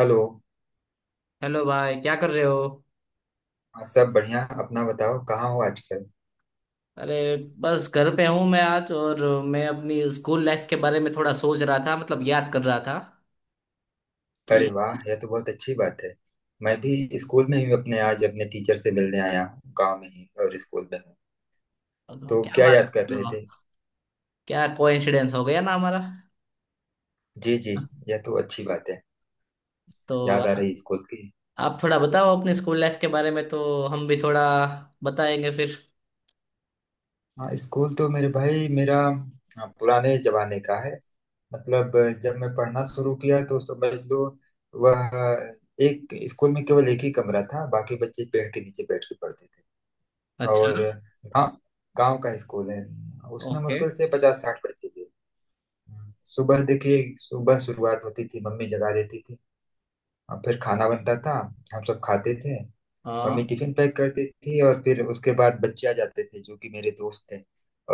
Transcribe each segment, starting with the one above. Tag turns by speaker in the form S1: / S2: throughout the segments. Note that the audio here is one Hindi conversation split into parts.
S1: हेलो।
S2: हेलो भाई, क्या कर रहे हो?
S1: हाँ, सब बढ़िया। अपना बताओ कहाँ हो आजकल।
S2: अरे, बस घर पे हूँ मैं आज। और मैं अपनी स्कूल लाइफ के बारे में थोड़ा सोच रहा था, मतलब याद कर रहा था
S1: अरे वाह,
S2: कि।
S1: यह तो बहुत अच्छी बात है। मैं भी स्कूल में ही हूँ अपने, आज अपने टीचर से मिलने आया हूँ, गाँव में ही और स्कूल में हूँ। तो
S2: क्या
S1: क्या
S2: बात!
S1: याद कर रहे थे?
S2: क्या कोइंसिडेंस हो गया ना हमारा।
S1: जी जी। यह तो अच्छी बात है।
S2: तो
S1: याद आ रही स्कूल की।
S2: आप थोड़ा बताओ अपनी स्कूल लाइफ के बारे में, तो हम भी थोड़ा बताएंगे फिर।
S1: हाँ, स्कूल तो मेरे भाई मेरा, हाँ, पुराने जमाने का है। मतलब जब मैं पढ़ना शुरू किया तो समझ लो वह, एक स्कूल में केवल एक ही कमरा था, बाकी बच्चे पेड़ के नीचे बैठ के पढ़ते थे। और
S2: अच्छा।
S1: गांव गांव का स्कूल है। उसमें
S2: ओके।
S1: मुश्किल से 50-60 बच्चे थे। सुबह देखिए, सुबह शुरुआत होती थी, मम्मी जगा देती थी। और फिर खाना बनता था, हम सब खाते थे। मम्मी
S2: हाँ।
S1: टिफिन पैक करती थी और फिर उसके बाद बच्चे आ जाते थे जो कि मेरे दोस्त थे।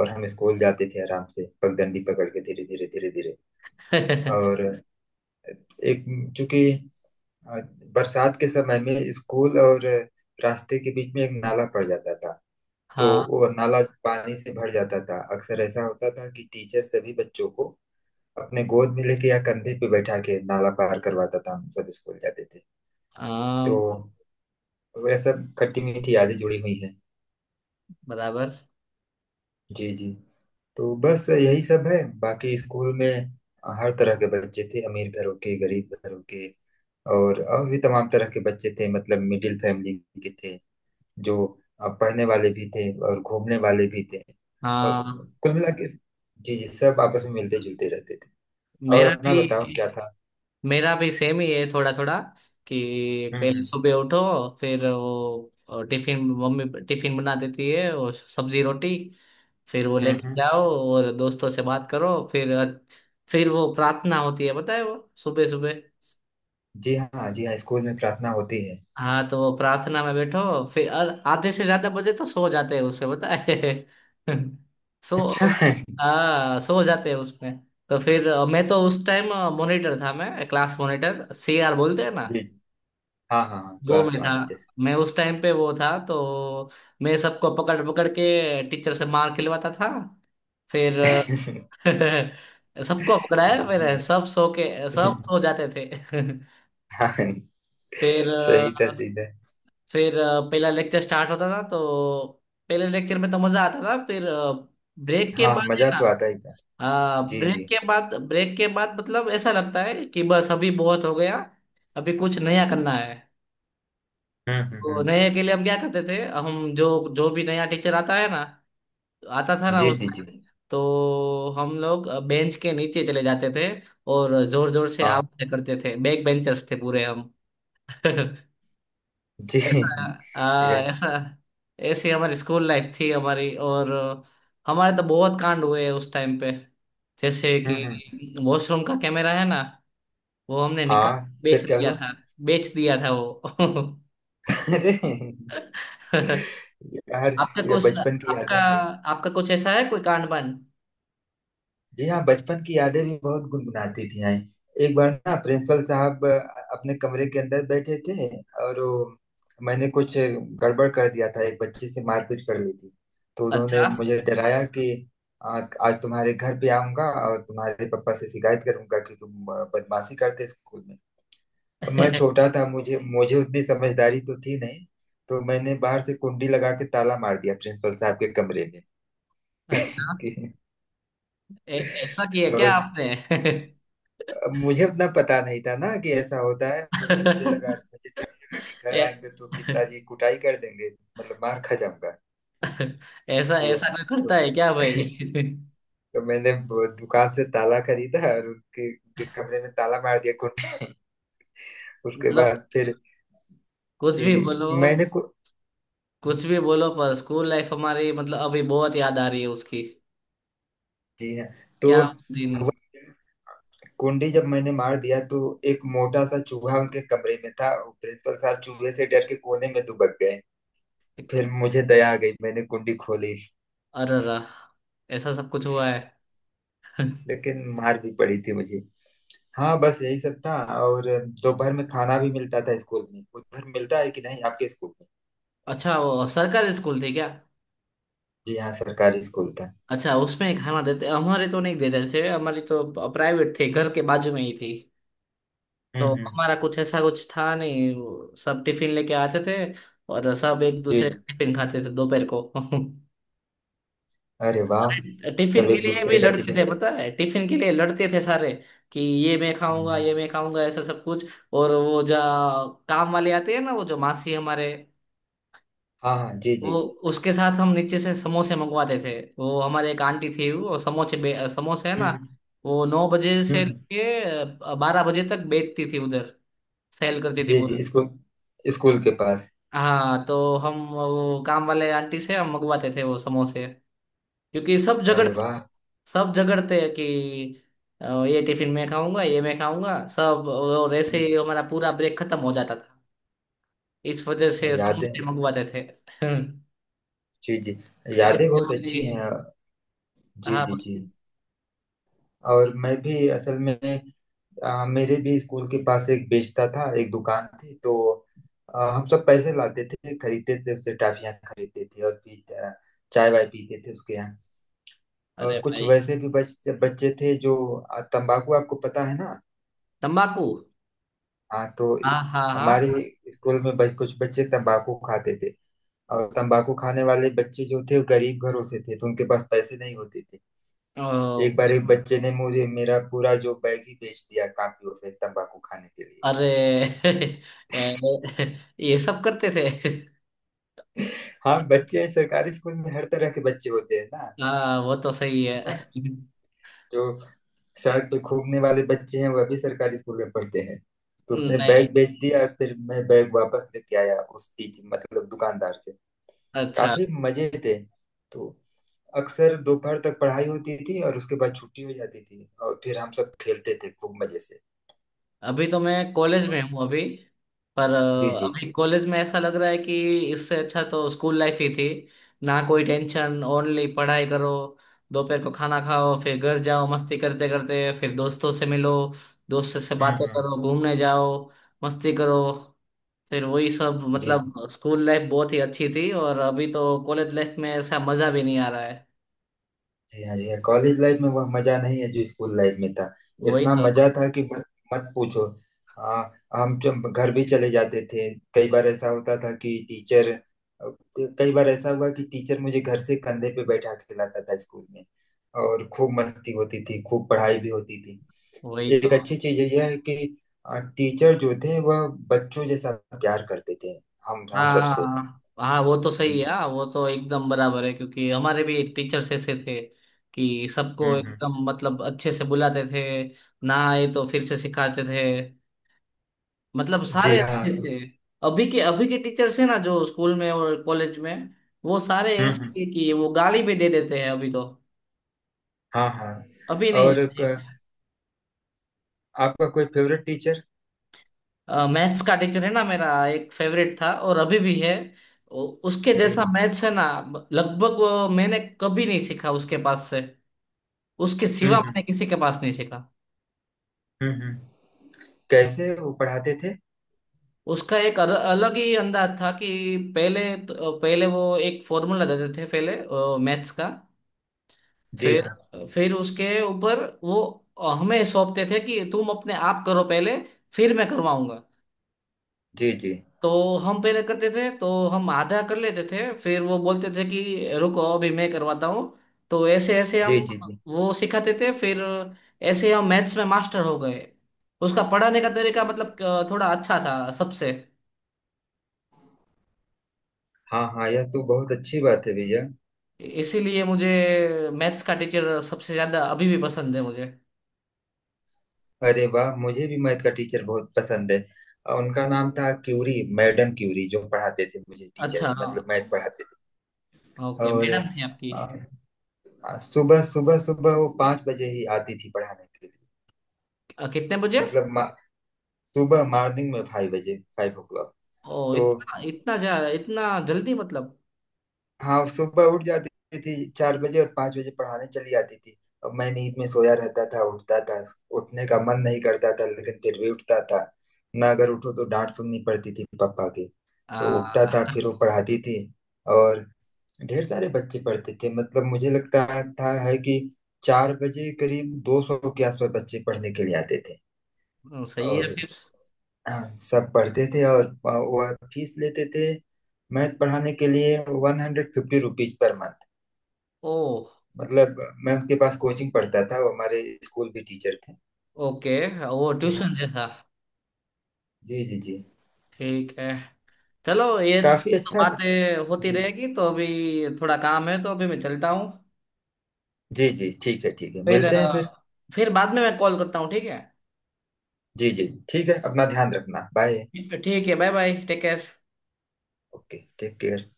S1: और हम स्कूल जाते थे आराम से पगडंडी पकड़ के, धीरे धीरे धीरे धीरे। और एक, चूंकि अ, बरसात के समय में स्कूल और रास्ते के बीच में एक नाला पड़ जाता था। तो
S2: हाँ
S1: वो नाला पानी से भर जाता था। अक्सर ऐसा होता था कि टीचर सभी बच्चों को अपने गोद में लेके या कंधे पे बैठा के नाला पार करवाता था, हम सब स्कूल जाते थे। तो
S2: हाँ,
S1: वह सब खट्टी मीठी यादें जुड़ी हुई हैं।
S2: बराबर।
S1: जी जी। तो बस यही सब है। बाकी स्कूल में हर तरह के बच्चे थे, अमीर घरों के, गरीब घरों के। और भी तमाम तरह के बच्चे थे, मतलब मिडिल फैमिली के थे। जो पढ़ने वाले भी थे और घूमने वाले भी थे। और
S2: हाँ,
S1: कुल मिला के, जी जी, सब आपस में मिलते जुलते रहते थे। और
S2: मेरा
S1: अपना बताओ क्या
S2: भी
S1: था।
S2: मेरा भी सेम ही है थोड़ा थोड़ा। कि पहले
S1: हम्म।
S2: सुबह उठो। फिर वो टिफिन, मम्मी टिफिन बना देती है और सब्जी रोटी। फिर वो
S1: हम्म
S2: लेके
S1: हम्म।
S2: जाओ और दोस्तों से बात करो फिर। फिर वो प्रार्थना होती है बताए वो, सुबह सुबह।
S1: जी हाँ, जी हाँ, स्कूल में प्रार्थना होती है।
S2: हाँ, तो वो प्रार्थना में बैठो, फिर आधे से ज्यादा बजे तो सो जाते हैं उसमें बताए।
S1: अच्छा
S2: सो,
S1: है जी।
S2: हाँ, सो जाते हैं उसमें। तो फिर मैं तो उस टाइम मॉनिटर था, मैं क्लास मॉनिटर, सीआर बोलते हैं ना।
S1: जी, हाँ हाँ हाँ,
S2: वो
S1: क्लास
S2: मैं था।
S1: मॉनिटर।
S2: मैं उस टाइम पे वो था तो। मैं सबको पकड़ पकड़ के टीचर से मार खिलवाता था। फिर। सबको पकड़ाया
S1: जी
S2: फिर सब सो के
S1: जी।
S2: सब सो जाते थे।
S1: हाँ,
S2: फिर
S1: सही था
S2: अ,
S1: सही था।
S2: फिर पहला लेक्चर स्टार्ट होता था तो। पहले लेक्चर में तो मजा आता था फिर। ब्रेक के
S1: हाँ,
S2: बाद है
S1: मजा
S2: ना।
S1: तो आता ही था। जी
S2: ब्रेक
S1: जी।
S2: के बाद ब्रेक के बाद मतलब ऐसा लगता है कि बस अभी बहुत हो गया। अभी कुछ नया करना है। तो
S1: हम्म।
S2: नए के लिए हम क्या करते थे? हम जो जो भी नया टीचर आता है ना, आता था ना
S1: जी
S2: उस
S1: जी जी।
S2: time, तो हम लोग बेंच के नीचे चले जाते थे। और जोर जोर से
S1: हाँ।
S2: आवाजें करते थे, बैक बेंचर्स थे पूरे हम।
S1: जी।
S2: ऐसा। हाँ,
S1: ये,
S2: ऐसा। ऐसी हमारी स्कूल लाइफ थी हमारी। और। हमारे तो बहुत कांड हुए हैं उस टाइम पे। जैसे
S1: हम्म, हम्म।
S2: कि वॉशरूम का कैमरा है ना, वो हमने निकाल
S1: हाँ, फिर
S2: बेच
S1: क्या
S2: दिया
S1: हुआ?
S2: था। बेच दिया था वो।
S1: अरे यार,
S2: आपका
S1: ये
S2: कुछ
S1: बचपन की
S2: आपका
S1: यादें हैं।
S2: आपका कुछ ऐसा है कोई कांड बन।
S1: जी हाँ, बचपन की यादें भी बहुत गुनगुनाती थी हैं। एक बार ना, प्रिंसिपल साहब अपने कमरे के अंदर बैठे थे। और वो, मैंने कुछ गड़बड़ कर दिया था, एक बच्चे से मारपीट कर ली थी। तो उन्होंने
S2: अच्छा।
S1: मुझे डराया कि "आ, आज तुम्हारे घर पे आऊंगा और तुम्हारे पापा से शिकायत करूंगा कि तुम बदमाशी करते स्कूल में।" अब मैं छोटा था, मुझे मुझे उतनी समझदारी तो थी नहीं। तो मैंने बाहर से कुंडी लगा के ताला मार दिया प्रिंसिपल साहब के कमरे में।
S2: अच्छा, ऐसा किया क्या
S1: और
S2: आपने?
S1: अब मुझे उतना पता नहीं था ना कि ऐसा होता है, और मुझे लगा, मुझे डर लगा कि घर
S2: ए,
S1: आएंगे तो पिताजी कुटाई कर देंगे, मतलब मार खा जाऊंगा।
S2: ऐसा
S1: तो
S2: ऐसा कोई
S1: तो,
S2: करता है क्या भाई?
S1: तो मैंने वो दुकान से ताला खरीदा और उनके कमरे में ताला मार दिया कुंड में। उसके
S2: मतलब,
S1: बाद फिर,
S2: कुछ
S1: जी
S2: भी
S1: जी।
S2: बोलो,
S1: मैंने को
S2: कुछ भी बोलो, पर स्कूल लाइफ हमारी मतलब अभी बहुत याद आ रही है उसकी।
S1: जी हाँ। तो
S2: क्या दिन!
S1: हुआ क्या, कुंडी जब मैंने मार दिया तो एक मोटा सा चूहा उनके कमरे में था। वो प्रिंसिपल साहब चूहे से डर के कोने में दुबक गए। फिर मुझे दया आ गई, मैंने कुंडी खोली।
S2: अरे रा! ऐसा सब कुछ हुआ है।
S1: लेकिन मार भी पड़ी थी मुझे। हाँ, बस यही सब था। और दोपहर में खाना भी मिलता था स्कूल में, उधर मिलता है कि नहीं आपके स्कूल में?
S2: अच्छा, वो सरकारी स्कूल थी क्या?
S1: जी हाँ, सरकारी स्कूल था।
S2: अच्छा, उसमें खाना देते? हमारे तो नहीं देते थे। हमारी तो प्राइवेट थी, घर के बाजू में ही थी। तो
S1: हम्म।
S2: हमारा कुछ ऐसा कुछ था नहीं, वो सब टिफिन लेके आते थे। और सब एक
S1: जी
S2: दूसरे का
S1: जी।
S2: टिफिन खाते थे दोपहर को।
S1: अरे वाह।
S2: टिफिन
S1: सब
S2: के
S1: एक
S2: लिए भी
S1: दूसरे का
S2: लड़ते
S1: टिफिन
S2: थे
S1: खा,
S2: पता है, टिफिन के लिए लड़ते थे सारे, कि ये मैं खाऊंगा,
S1: हम्म,
S2: ये मैं खाऊंगा, ऐसा सब कुछ। और वो जो काम वाले आते हैं ना, वो जो मासी हमारे,
S1: हाँ हाँ, जी
S2: वो,
S1: जी।
S2: उसके साथ हम नीचे से समोसे मंगवाते थे। वो हमारे एक आंटी थी, वो समोसे समोसे है ना।
S1: हम्म
S2: वो 9 बजे से
S1: हम्म।
S2: लेके 12 बजे तक बेचती थी उधर। सेल करती थी।
S1: जी जी। स्कूल स्कूल के पास।
S2: हाँ, तो हम वो काम वाले आंटी से हम मंगवाते थे वो समोसे। क्योंकि
S1: अरे वाह।
S2: सब झगड़ते हैं कि ये टिफिन मैं खाऊंगा, ये मैं खाऊंगा सब, और ऐसे
S1: हम्म,
S2: ही हमारा पूरा ब्रेक खत्म हो जाता था। इस वजह से
S1: यादें,
S2: समोसे मंगवाते थे।
S1: जी जी,
S2: ऐसे
S1: यादें बहुत अच्छी
S2: हमारी-
S1: हैं। जी
S2: हाँ
S1: जी जी।
S2: भाई।
S1: और मैं भी असल में, मेरे भी स्कूल के पास एक बेचता था, एक दुकान थी। तो हम सब पैसे लाते थे, खरीदते थे, उससे टॉफियाँ खरीदते थे और पी चाय वाय पीते थे उसके यहाँ।
S2: अरे
S1: और कुछ
S2: भाई,
S1: वैसे भी बच्चे थे जो तंबाकू, आपको पता है ना?
S2: तम्बाकू।
S1: हाँ। तो
S2: हाँ हाँ
S1: हमारे
S2: हाँ।
S1: स्कूल में कुछ बच्चे तंबाकू खाते थे। और तंबाकू खाने वाले बच्चे जो थे वो गरीब घरों से थे, तो उनके पास पैसे नहीं होते थे। एक
S2: ओ,
S1: बार एक बच्चे ने मुझे मेरा पूरा जो बैग ही बेच दिया, काफी, उसे तंबाकू खाने के लिए।
S2: अरे! ये सब करते थे।
S1: हाँ, बच्चे हैं, सरकारी स्कूल में हर तरह के बच्चे होते हैं ना।
S2: हाँ, वो तो सही है।
S1: जो सड़क पे घूमने वाले बच्चे हैं वह भी सरकारी स्कूल में पढ़ते हैं। तो उसने
S2: नहीं।
S1: बैग बेच दिया, फिर मैं बैग वापस लेके आया उस टीच मतलब दुकानदार से।
S2: अच्छा।
S1: काफी मजे थे। तो अक्सर दोपहर तक पढ़ाई होती थी और उसके बाद छुट्टी हो जाती थी और फिर हम सब खेलते थे खूब मजे से।
S2: अभी तो मैं कॉलेज में हूँ अभी। पर
S1: जी जी।
S2: अभी कॉलेज में ऐसा लग रहा है कि इससे अच्छा तो स्कूल लाइफ ही थी। ना कोई टेंशन, ओनली पढ़ाई करो। दोपहर को खाना खाओ, फिर घर जाओ, मस्ती करते करते फिर दोस्तों से मिलो। दोस्तों से बातें
S1: हम्म।
S2: करो, घूमने जाओ। मस्ती करो। फिर वही सब,
S1: जी
S2: मतलब
S1: जी
S2: स्कूल लाइफ बहुत ही अच्छी थी और अभी तो कॉलेज लाइफ में ऐसा मजा भी नहीं आ रहा है।
S1: जी। हाँ, जी हाँ, कॉलेज लाइफ में वह मजा नहीं है जो स्कूल लाइफ में था।
S2: वही
S1: इतना
S2: तो।
S1: मजा था कि मत मत पूछो। आ, हम जब घर भी चले जाते थे, कई बार ऐसा होता था कि टीचर, कई बार ऐसा हुआ कि टीचर मुझे घर से कंधे पे बैठा के लाता था स्कूल में। और खूब मस्ती होती थी, खूब पढ़ाई भी होती थी।
S2: वही तो।
S1: एक अच्छी चीज यह है कि टीचर जो थे वह बच्चों जैसा प्यार करते थे हम
S2: हाँ
S1: हम
S2: हाँ
S1: सबसे।
S2: हाँ हाँ, वो तो
S1: जी
S2: सही है।
S1: जी।
S2: हाँ, वो तो एकदम बराबर है क्योंकि हमारे भी एक टीचर्स ऐसे थे। कि सबको
S1: हम्म।
S2: एकदम मतलब अच्छे से बुलाते थे। ना आए तो फिर से सिखाते थे। मतलब सारे
S1: जी हाँ
S2: अच्छे
S1: तो-
S2: थे। अभी के टीचर्स है ना जो स्कूल में और कॉलेज में। वो सारे
S1: हम्म।
S2: ऐसे हैं कि वो गाली भी दे देते हैं अभी तो।
S1: हाँ हाँ।
S2: अभी नहीं
S1: और
S2: है।
S1: आपका कोई फेवरेट टीचर?
S2: मैथ्स का टीचर है ना मेरा, एक फेवरेट था और अभी भी है। उसके
S1: जी
S2: जैसा
S1: जी।
S2: मैथ्स है ना, लगभग वो मैंने कभी नहीं सीखा उसके पास से। उसके सिवा
S1: हम्म।
S2: मैंने किसी के पास नहीं सीखा।
S1: हम्म हम्म। कैसे वो पढ़ाते थे?
S2: उसका एक अलग ही अंदाज था कि। पहले वो एक फॉर्मूला देते थे पहले। मैथ्स का।
S1: जी
S2: फिर
S1: हाँ।
S2: फिर उसके ऊपर वो हमें सौंपते थे कि तुम अपने आप करो पहले। फिर मैं करवाऊंगा।
S1: जी जी।
S2: तो हम पहले करते थे तो हम आधा कर लेते थे, फिर वो बोलते थे कि रुको, अभी मैं करवाता हूँ। तो ऐसे ऐसे हम।
S1: जी जी। जी।
S2: वो सिखाते थे फिर। ऐसे हम मैथ्स में मास्टर हो गए। उसका पढ़ाने का तरीका मतलब थोड़ा अच्छा था सबसे।
S1: हाँ हाँ, यह तो बहुत अच्छी बात है भैया।
S2: इसीलिए मुझे। मैथ्स का टीचर सबसे ज्यादा अभी भी पसंद है मुझे।
S1: अरे वाह, मुझे भी मैथ का टीचर बहुत पसंद है। उनका नाम था क्यूरी, मैडम क्यूरी जो पढ़ाते थे मुझे, टीचर
S2: अच्छा हाँ।
S1: मतलब मैथ पढ़ाते थे।
S2: ओके,
S1: और
S2: मैडम थी आपकी?
S1: अ, सुबह सुबह सुबह वो 5 बजे ही आती थी पढ़ाने के लिए।
S2: कितने बजे?
S1: मतलब सुबह मॉर्निंग में 5 बजे, 5 ओ क्लॉक।
S2: ओ,
S1: तो
S2: इतना इतना जा इतना जल्दी मतलब।
S1: हाँ, सुबह उठ जाती थी 4 बजे और 5 बजे पढ़ाने चली जाती थी। अब मैं नींद में सोया रहता था, उठता था, उठने का मन नहीं करता था लेकिन फिर भी उठता था। ना अगर उठो तो डांट सुननी पड़ती थी पापा की। तो उठता
S2: आ,
S1: था, फिर वो पढ़ाती थी। और ढेर सारे बच्चे पढ़ते थे, मतलब मुझे लगता था है कि 4 बजे करीब 200 के आसपास बच्चे पढ़ने के लिए आते थे।
S2: सही है
S1: और
S2: फिर।
S1: हाँ, सब पढ़ते थे और वह फीस लेते थे मैथ पढ़ाने के लिए 150 रुपीज पर मंथ।
S2: ओ।
S1: मतलब मैं उनके पास कोचिंग पढ़ता था, वो हमारे स्कूल भी टीचर थे।
S2: ओके। वो
S1: तो
S2: ट्यूशन जैसा।
S1: जी जी जी।
S2: ठीक है, चलो ये
S1: काफी
S2: सब
S1: अच्छा।
S2: बातें होती
S1: जी
S2: रहेगी तो अभी। थोड़ा काम है तो अभी मैं चलता हूँ।
S1: जी जी। ठीक है, ठीक है,
S2: फिर
S1: मिलते हैं फिर।
S2: फिर बाद में मैं कॉल करता हूँ, ठीक
S1: जी जी। ठीक है, अपना ध्यान रखना, बाय।
S2: है। ठीक है, bye bye, take care.
S1: Okay, take care.